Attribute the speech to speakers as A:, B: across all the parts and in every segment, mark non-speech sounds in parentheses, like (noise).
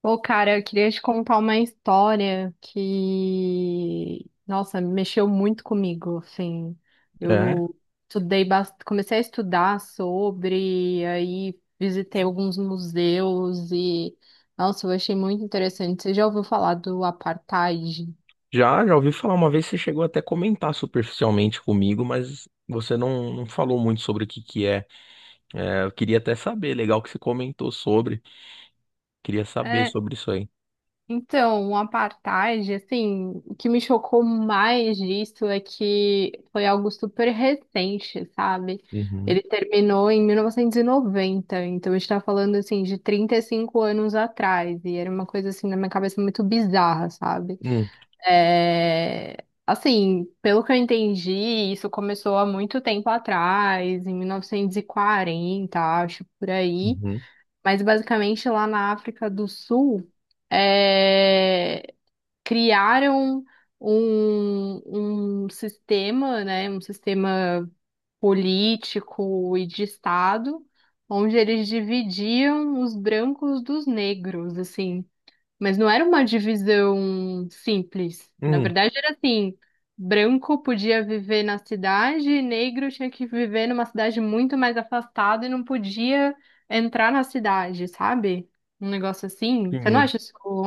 A: Pô, cara, eu queria te contar uma história que, nossa, mexeu muito comigo, assim.
B: É,
A: Eu estudei, comecei a estudar sobre, aí visitei alguns museus e, nossa, eu achei muito interessante. Você já ouviu falar do apartheid?
B: já ouvi falar uma vez, você chegou até a comentar superficialmente comigo, mas você não falou muito sobre o que que é. É, eu queria até saber, legal que você comentou sobre, queria saber sobre isso aí.
A: Então, o apartheid, assim, o que me chocou mais disso é que foi algo super recente, sabe?
B: Uhum,
A: Ele terminou em 1990, então a gente tá falando, assim, de 35 anos atrás, e era uma coisa, assim, na minha cabeça muito bizarra, sabe?
B: hum,
A: É, Assim, pelo que eu entendi, isso começou há muito tempo atrás, em 1940, acho, por aí.
B: uhum,
A: Mas basicamente lá na África do Sul, é, criaram um sistema, né, um sistema político e de Estado, onde eles dividiam os brancos dos negros, assim. Mas não era uma divisão simples. Na
B: hum,
A: verdade, era assim: branco podia viver na cidade, e negro tinha que viver numa cidade muito mais afastada e não podia entrar na cidade, sabe? Um negócio assim.
B: sim,
A: Você não acha isso um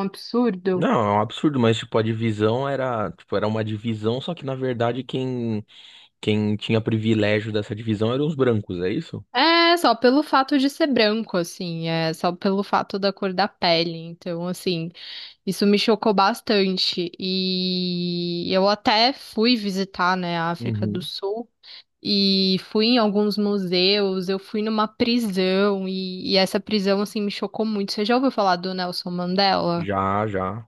B: não,
A: absurdo?
B: é um absurdo, mas tipo, a divisão era, tipo, era uma divisão, só que na verdade quem tinha privilégio dessa divisão eram os brancos, é isso?
A: É, só pelo fato de ser branco, assim, é só pelo fato da cor da pele. Então, assim, isso me chocou bastante. E eu até fui visitar, né, a África do
B: Uhum.
A: Sul. E fui em alguns museus, eu fui numa prisão e essa prisão assim me chocou muito. Você já ouviu falar do Nelson Mandela?
B: Já, já.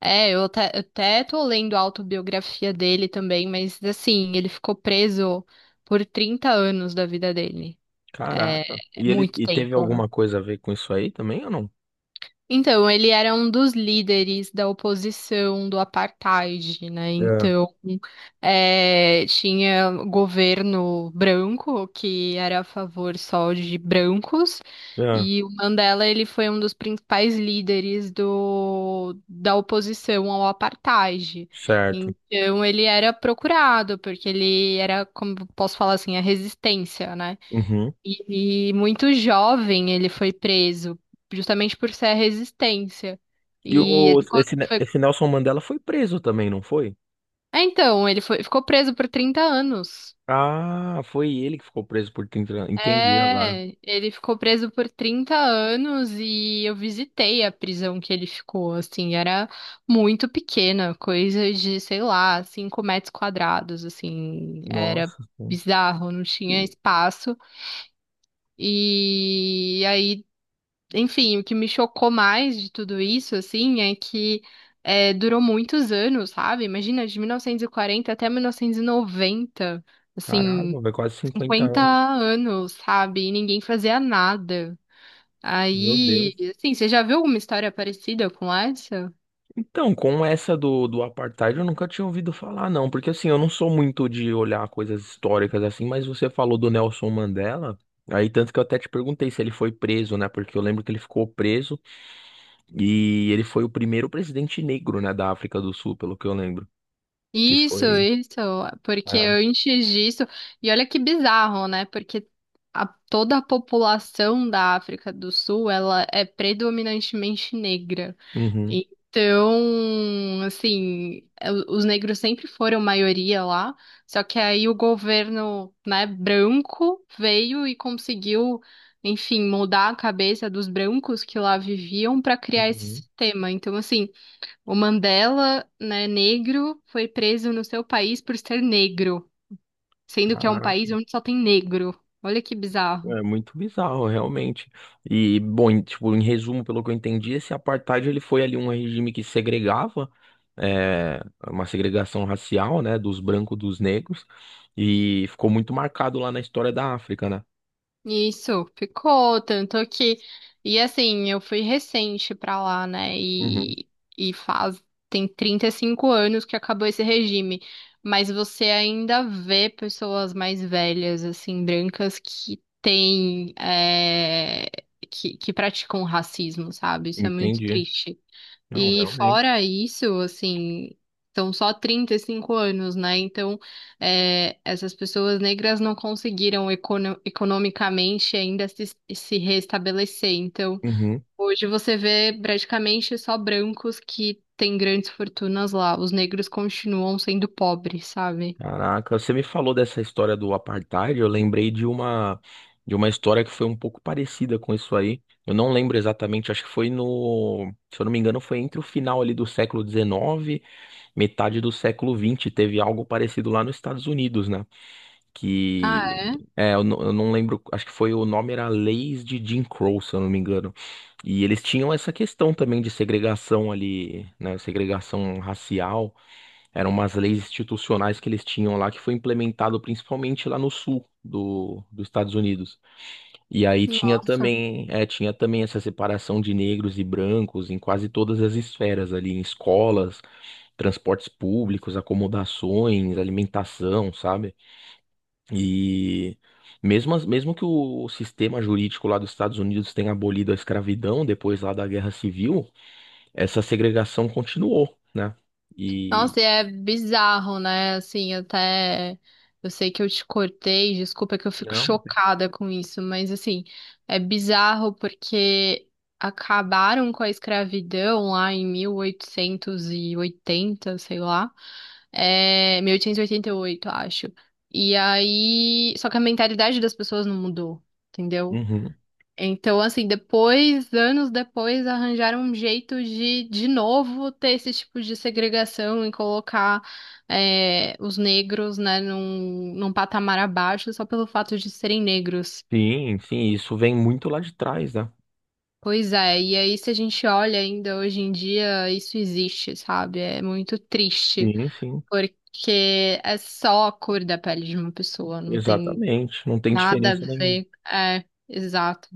A: É, eu até tô lendo a autobiografia dele também, mas assim, ele ficou preso por 30 anos da vida dele. É,
B: Caraca.
A: é
B: E ele
A: muito
B: e teve
A: tempo, né?
B: alguma coisa a ver com isso aí também ou não?
A: Então, ele era um dos líderes da oposição do apartheid, né? Então, tinha governo branco que era a favor só de brancos,
B: É.
A: e o Mandela ele foi um dos principais líderes do, da oposição ao apartheid.
B: Certo.
A: Então, ele era procurado porque ele era, como posso falar assim, a resistência, né?
B: Uhum.
A: E muito jovem ele foi preso, justamente por ser a resistência.
B: E
A: E ele
B: o,
A: ficou,
B: esse, Ne-
A: foi-
B: esse Nelson Mandela foi preso também, não foi?
A: então, ele foi, ficou preso por 30 anos.
B: Ah, foi ele que ficou preso por 30 anos. Entendi agora.
A: É, ele ficou preso por 30 anos e eu visitei a prisão que ele ficou, assim, era muito pequena, coisa de, sei lá, 5 metros quadrados, assim, era
B: Nossa, pô.
A: bizarro, não tinha
B: Ih,
A: espaço. E aí Enfim, o que me chocou mais de tudo isso, assim, é que durou muitos anos, sabe? Imagina, de 1940 até 1990, assim,
B: caraca, vai quase cinquenta
A: 50
B: anos.
A: anos, sabe? E ninguém fazia nada.
B: Meu Deus.
A: Aí, assim, você já viu alguma história parecida com essa?
B: Então, com essa do apartheid, eu nunca tinha ouvido falar, não. Porque assim, eu não sou muito de olhar coisas históricas assim, mas você falou do Nelson Mandela. Aí, tanto que eu até te perguntei se ele foi preso, né? Porque eu lembro que ele ficou preso e ele foi o primeiro presidente negro, né, da África do Sul, pelo que eu lembro. Que
A: Isso,
B: foi.
A: isso, porque
B: É.
A: antes disso, e olha que bizarro, né? Porque toda a população da África do Sul, ela é predominantemente negra.
B: Uhum,
A: Então, assim, é, os negros sempre foram maioria lá, só que aí o governo, né, branco veio e conseguiu, enfim, mudar a cabeça dos brancos que lá viviam para criar esse
B: uhum.
A: sistema. Então, assim, o Mandela, né, negro, foi preso no seu país por ser negro, sendo que é um
B: Caraca.
A: país onde só tem negro. Olha que bizarro.
B: É muito bizarro, realmente. E, bom, tipo, em resumo, pelo que eu entendi, esse apartheid ele foi ali um regime que segregava, é, uma segregação racial, né, dos brancos dos negros, e ficou muito marcado lá na história da África, né?
A: Isso, ficou tanto que e assim, eu fui recente pra lá, né?
B: Uhum,
A: E faz tem 35 anos que acabou esse regime, mas você ainda vê pessoas mais velhas assim, brancas que têm que praticam racismo, sabe? Isso é muito
B: entendi.
A: triste.
B: Não,
A: E
B: realmente.
A: fora isso, assim, são só 35 anos, né? Então, essas pessoas negras não conseguiram economicamente ainda se restabelecer. Então,
B: Uhum.
A: hoje você vê praticamente só brancos que têm grandes fortunas lá. Os negros continuam sendo pobres, sabe?
B: Caraca, você me falou dessa história do apartheid, eu lembrei de uma história que foi um pouco parecida com isso aí. Eu não lembro exatamente, acho que foi se eu não me engano, foi entre o final ali do século XIX, metade do século XX, teve algo parecido lá nos Estados Unidos, né?
A: Ah,
B: Que é, eu não lembro, acho que foi o nome era Leis de Jim Crow, se eu não me engano. E eles tinham essa questão também de segregação ali, né? Segregação racial. Eram umas leis institucionais que eles tinham lá, que foi implementado principalmente lá no sul dos Estados Unidos. E aí
A: é.
B: tinha
A: Nossa.
B: também, é, tinha também essa separação de negros e brancos em quase todas as esferas ali, em escolas, transportes públicos, acomodações, alimentação, sabe? E mesmo que o sistema jurídico lá dos Estados Unidos tenha abolido a escravidão depois lá da Guerra Civil, essa segregação continuou, né? E
A: Nossa, e é bizarro, né? Assim, até eu sei que eu te cortei, desculpa que eu fico
B: não.
A: chocada com isso, mas assim, é bizarro porque acabaram com a escravidão lá em 1880, sei lá. É, 1888, acho. E aí, só que a mentalidade das pessoas não mudou, entendeu?
B: Uhum.
A: Então, assim, depois, anos depois, arranjaram um jeito de novo, ter esse tipo de segregação e colocar os negros, né, num patamar abaixo só pelo fato de serem negros.
B: Sim, sim, isso vem muito lá de trás, né?
A: Pois é, e aí se a gente olha ainda hoje em dia, isso existe, sabe? É muito triste,
B: Sim, sim,
A: porque é só a cor da pele de uma pessoa, não tem
B: exatamente. Não tem
A: nada a
B: diferença nenhuma.
A: ver. É, exato.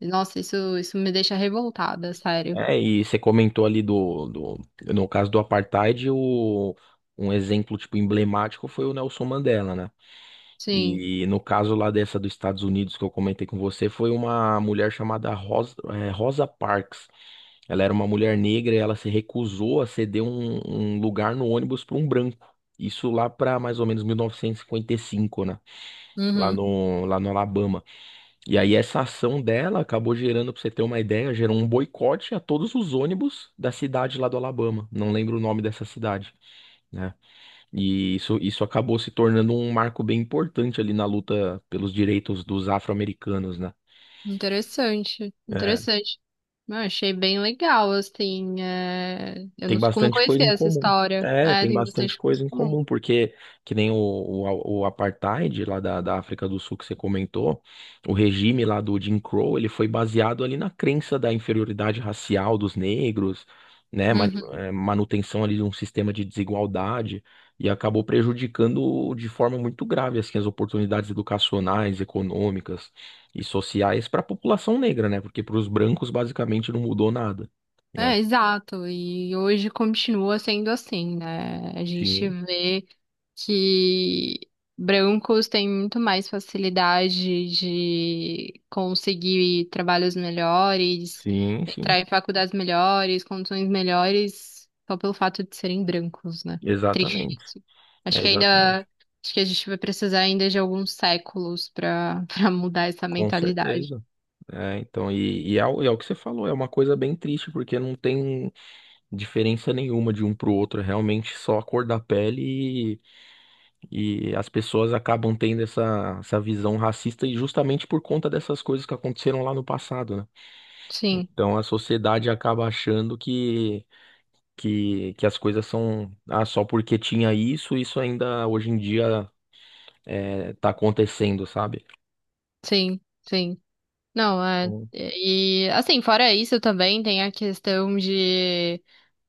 A: Nossa, isso me deixa revoltada, sério.
B: É, e você comentou ali no caso do apartheid, um exemplo tipo emblemático foi o Nelson Mandela, né?
A: Sim.
B: E no caso lá dessa dos Estados Unidos que eu comentei com você, foi uma mulher chamada Rosa Parks. Ela era uma mulher negra e ela se recusou a ceder um lugar no ônibus para um branco. Isso lá para mais ou menos 1955, né? Lá
A: Uhum.
B: no Alabama. E aí essa ação dela acabou gerando, pra você ter uma ideia, gerou um boicote a todos os ônibus da cidade lá do Alabama. Não lembro o nome dessa cidade, né? E isso acabou se tornando um marco bem importante ali na luta pelos direitos dos afro-americanos, né?
A: Interessante,
B: É,
A: interessante. Eu achei bem legal, assim. Eu
B: tem
A: não
B: bastante coisa
A: conhecia
B: em
A: essa
B: comum.
A: história.
B: É,
A: É,
B: tem
A: tem
B: bastante
A: bastante coisa
B: coisa
A: em
B: em
A: comum.
B: comum, porque que nem o apartheid lá da África do Sul que você comentou, o regime lá do Jim Crow, ele foi baseado ali na crença da inferioridade racial dos negros, né,
A: Uhum.
B: manutenção ali de um sistema de desigualdade, e acabou prejudicando de forma muito grave, assim, as oportunidades educacionais, econômicas e sociais para a população negra, né, porque para os brancos basicamente não mudou nada, né?
A: É, exato. E hoje continua sendo assim, né? A gente vê que brancos têm muito mais facilidade de conseguir trabalhos melhores,
B: Sim, sim,
A: entrar em faculdades melhores, condições melhores, só pelo fato de serem brancos, né? Triste.
B: exatamente,
A: Isso. Acho
B: é
A: que
B: exatamente,
A: ainda, acho que a gente vai precisar ainda de alguns séculos para (laughs) para mudar essa
B: com
A: mentalidade.
B: certeza. É, então, e é, é o que você falou, é uma coisa bem triste, porque não tem diferença nenhuma de um pro outro, é realmente só a cor da pele e as pessoas acabam tendo essa visão racista e justamente por conta dessas coisas que aconteceram lá no passado, né?
A: Sim,
B: Então a sociedade acaba achando que as coisas são, ah, só porque tinha isso, ainda hoje em dia tá acontecendo, sabe?
A: sim, sim. Não, é.
B: Então,
A: E assim, fora isso também tem a questão de.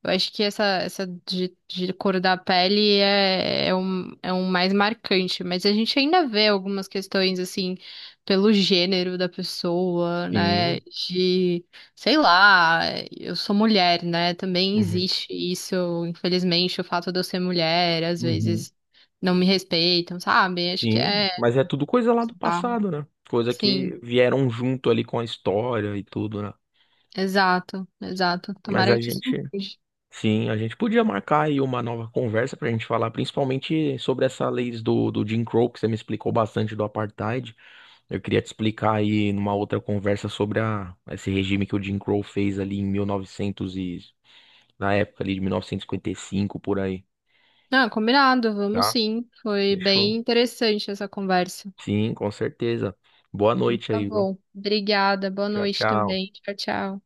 A: Eu acho que essa de cor da pele é um mais marcante, mas a gente ainda vê algumas questões assim pelo gênero da pessoa, né?
B: sim,
A: De, sei lá, eu sou mulher, né? Também
B: uhum,
A: existe isso, infelizmente, o fato de eu ser mulher, às
B: uhum,
A: vezes não me respeitam, sabe? Acho que
B: sim,
A: é,
B: mas é tudo coisa lá do
A: tá,
B: passado, né? Coisa
A: sim.
B: que vieram junto ali com a história e tudo, né?
A: Exato, exato.
B: Mas
A: Tomara
B: a
A: que isso
B: gente,
A: mude.
B: sim, a gente podia marcar aí uma nova conversa pra gente falar, principalmente sobre essa lei do Jim Crow, que você me explicou bastante do apartheid. Eu queria te explicar aí numa outra conversa sobre esse regime que o Jim Crow fez ali em 1900 e, novecentos e, na época ali de mil novecentos e cinquenta e cinco por aí,
A: Ah, combinado, vamos
B: tá?
A: sim. Foi bem
B: Fechou.
A: interessante essa conversa.
B: Sim, com certeza. Boa noite
A: Tá
B: aí, viu?
A: bom. Obrigada, boa
B: Tchau,
A: noite
B: tchau.
A: também. Tchau, tchau.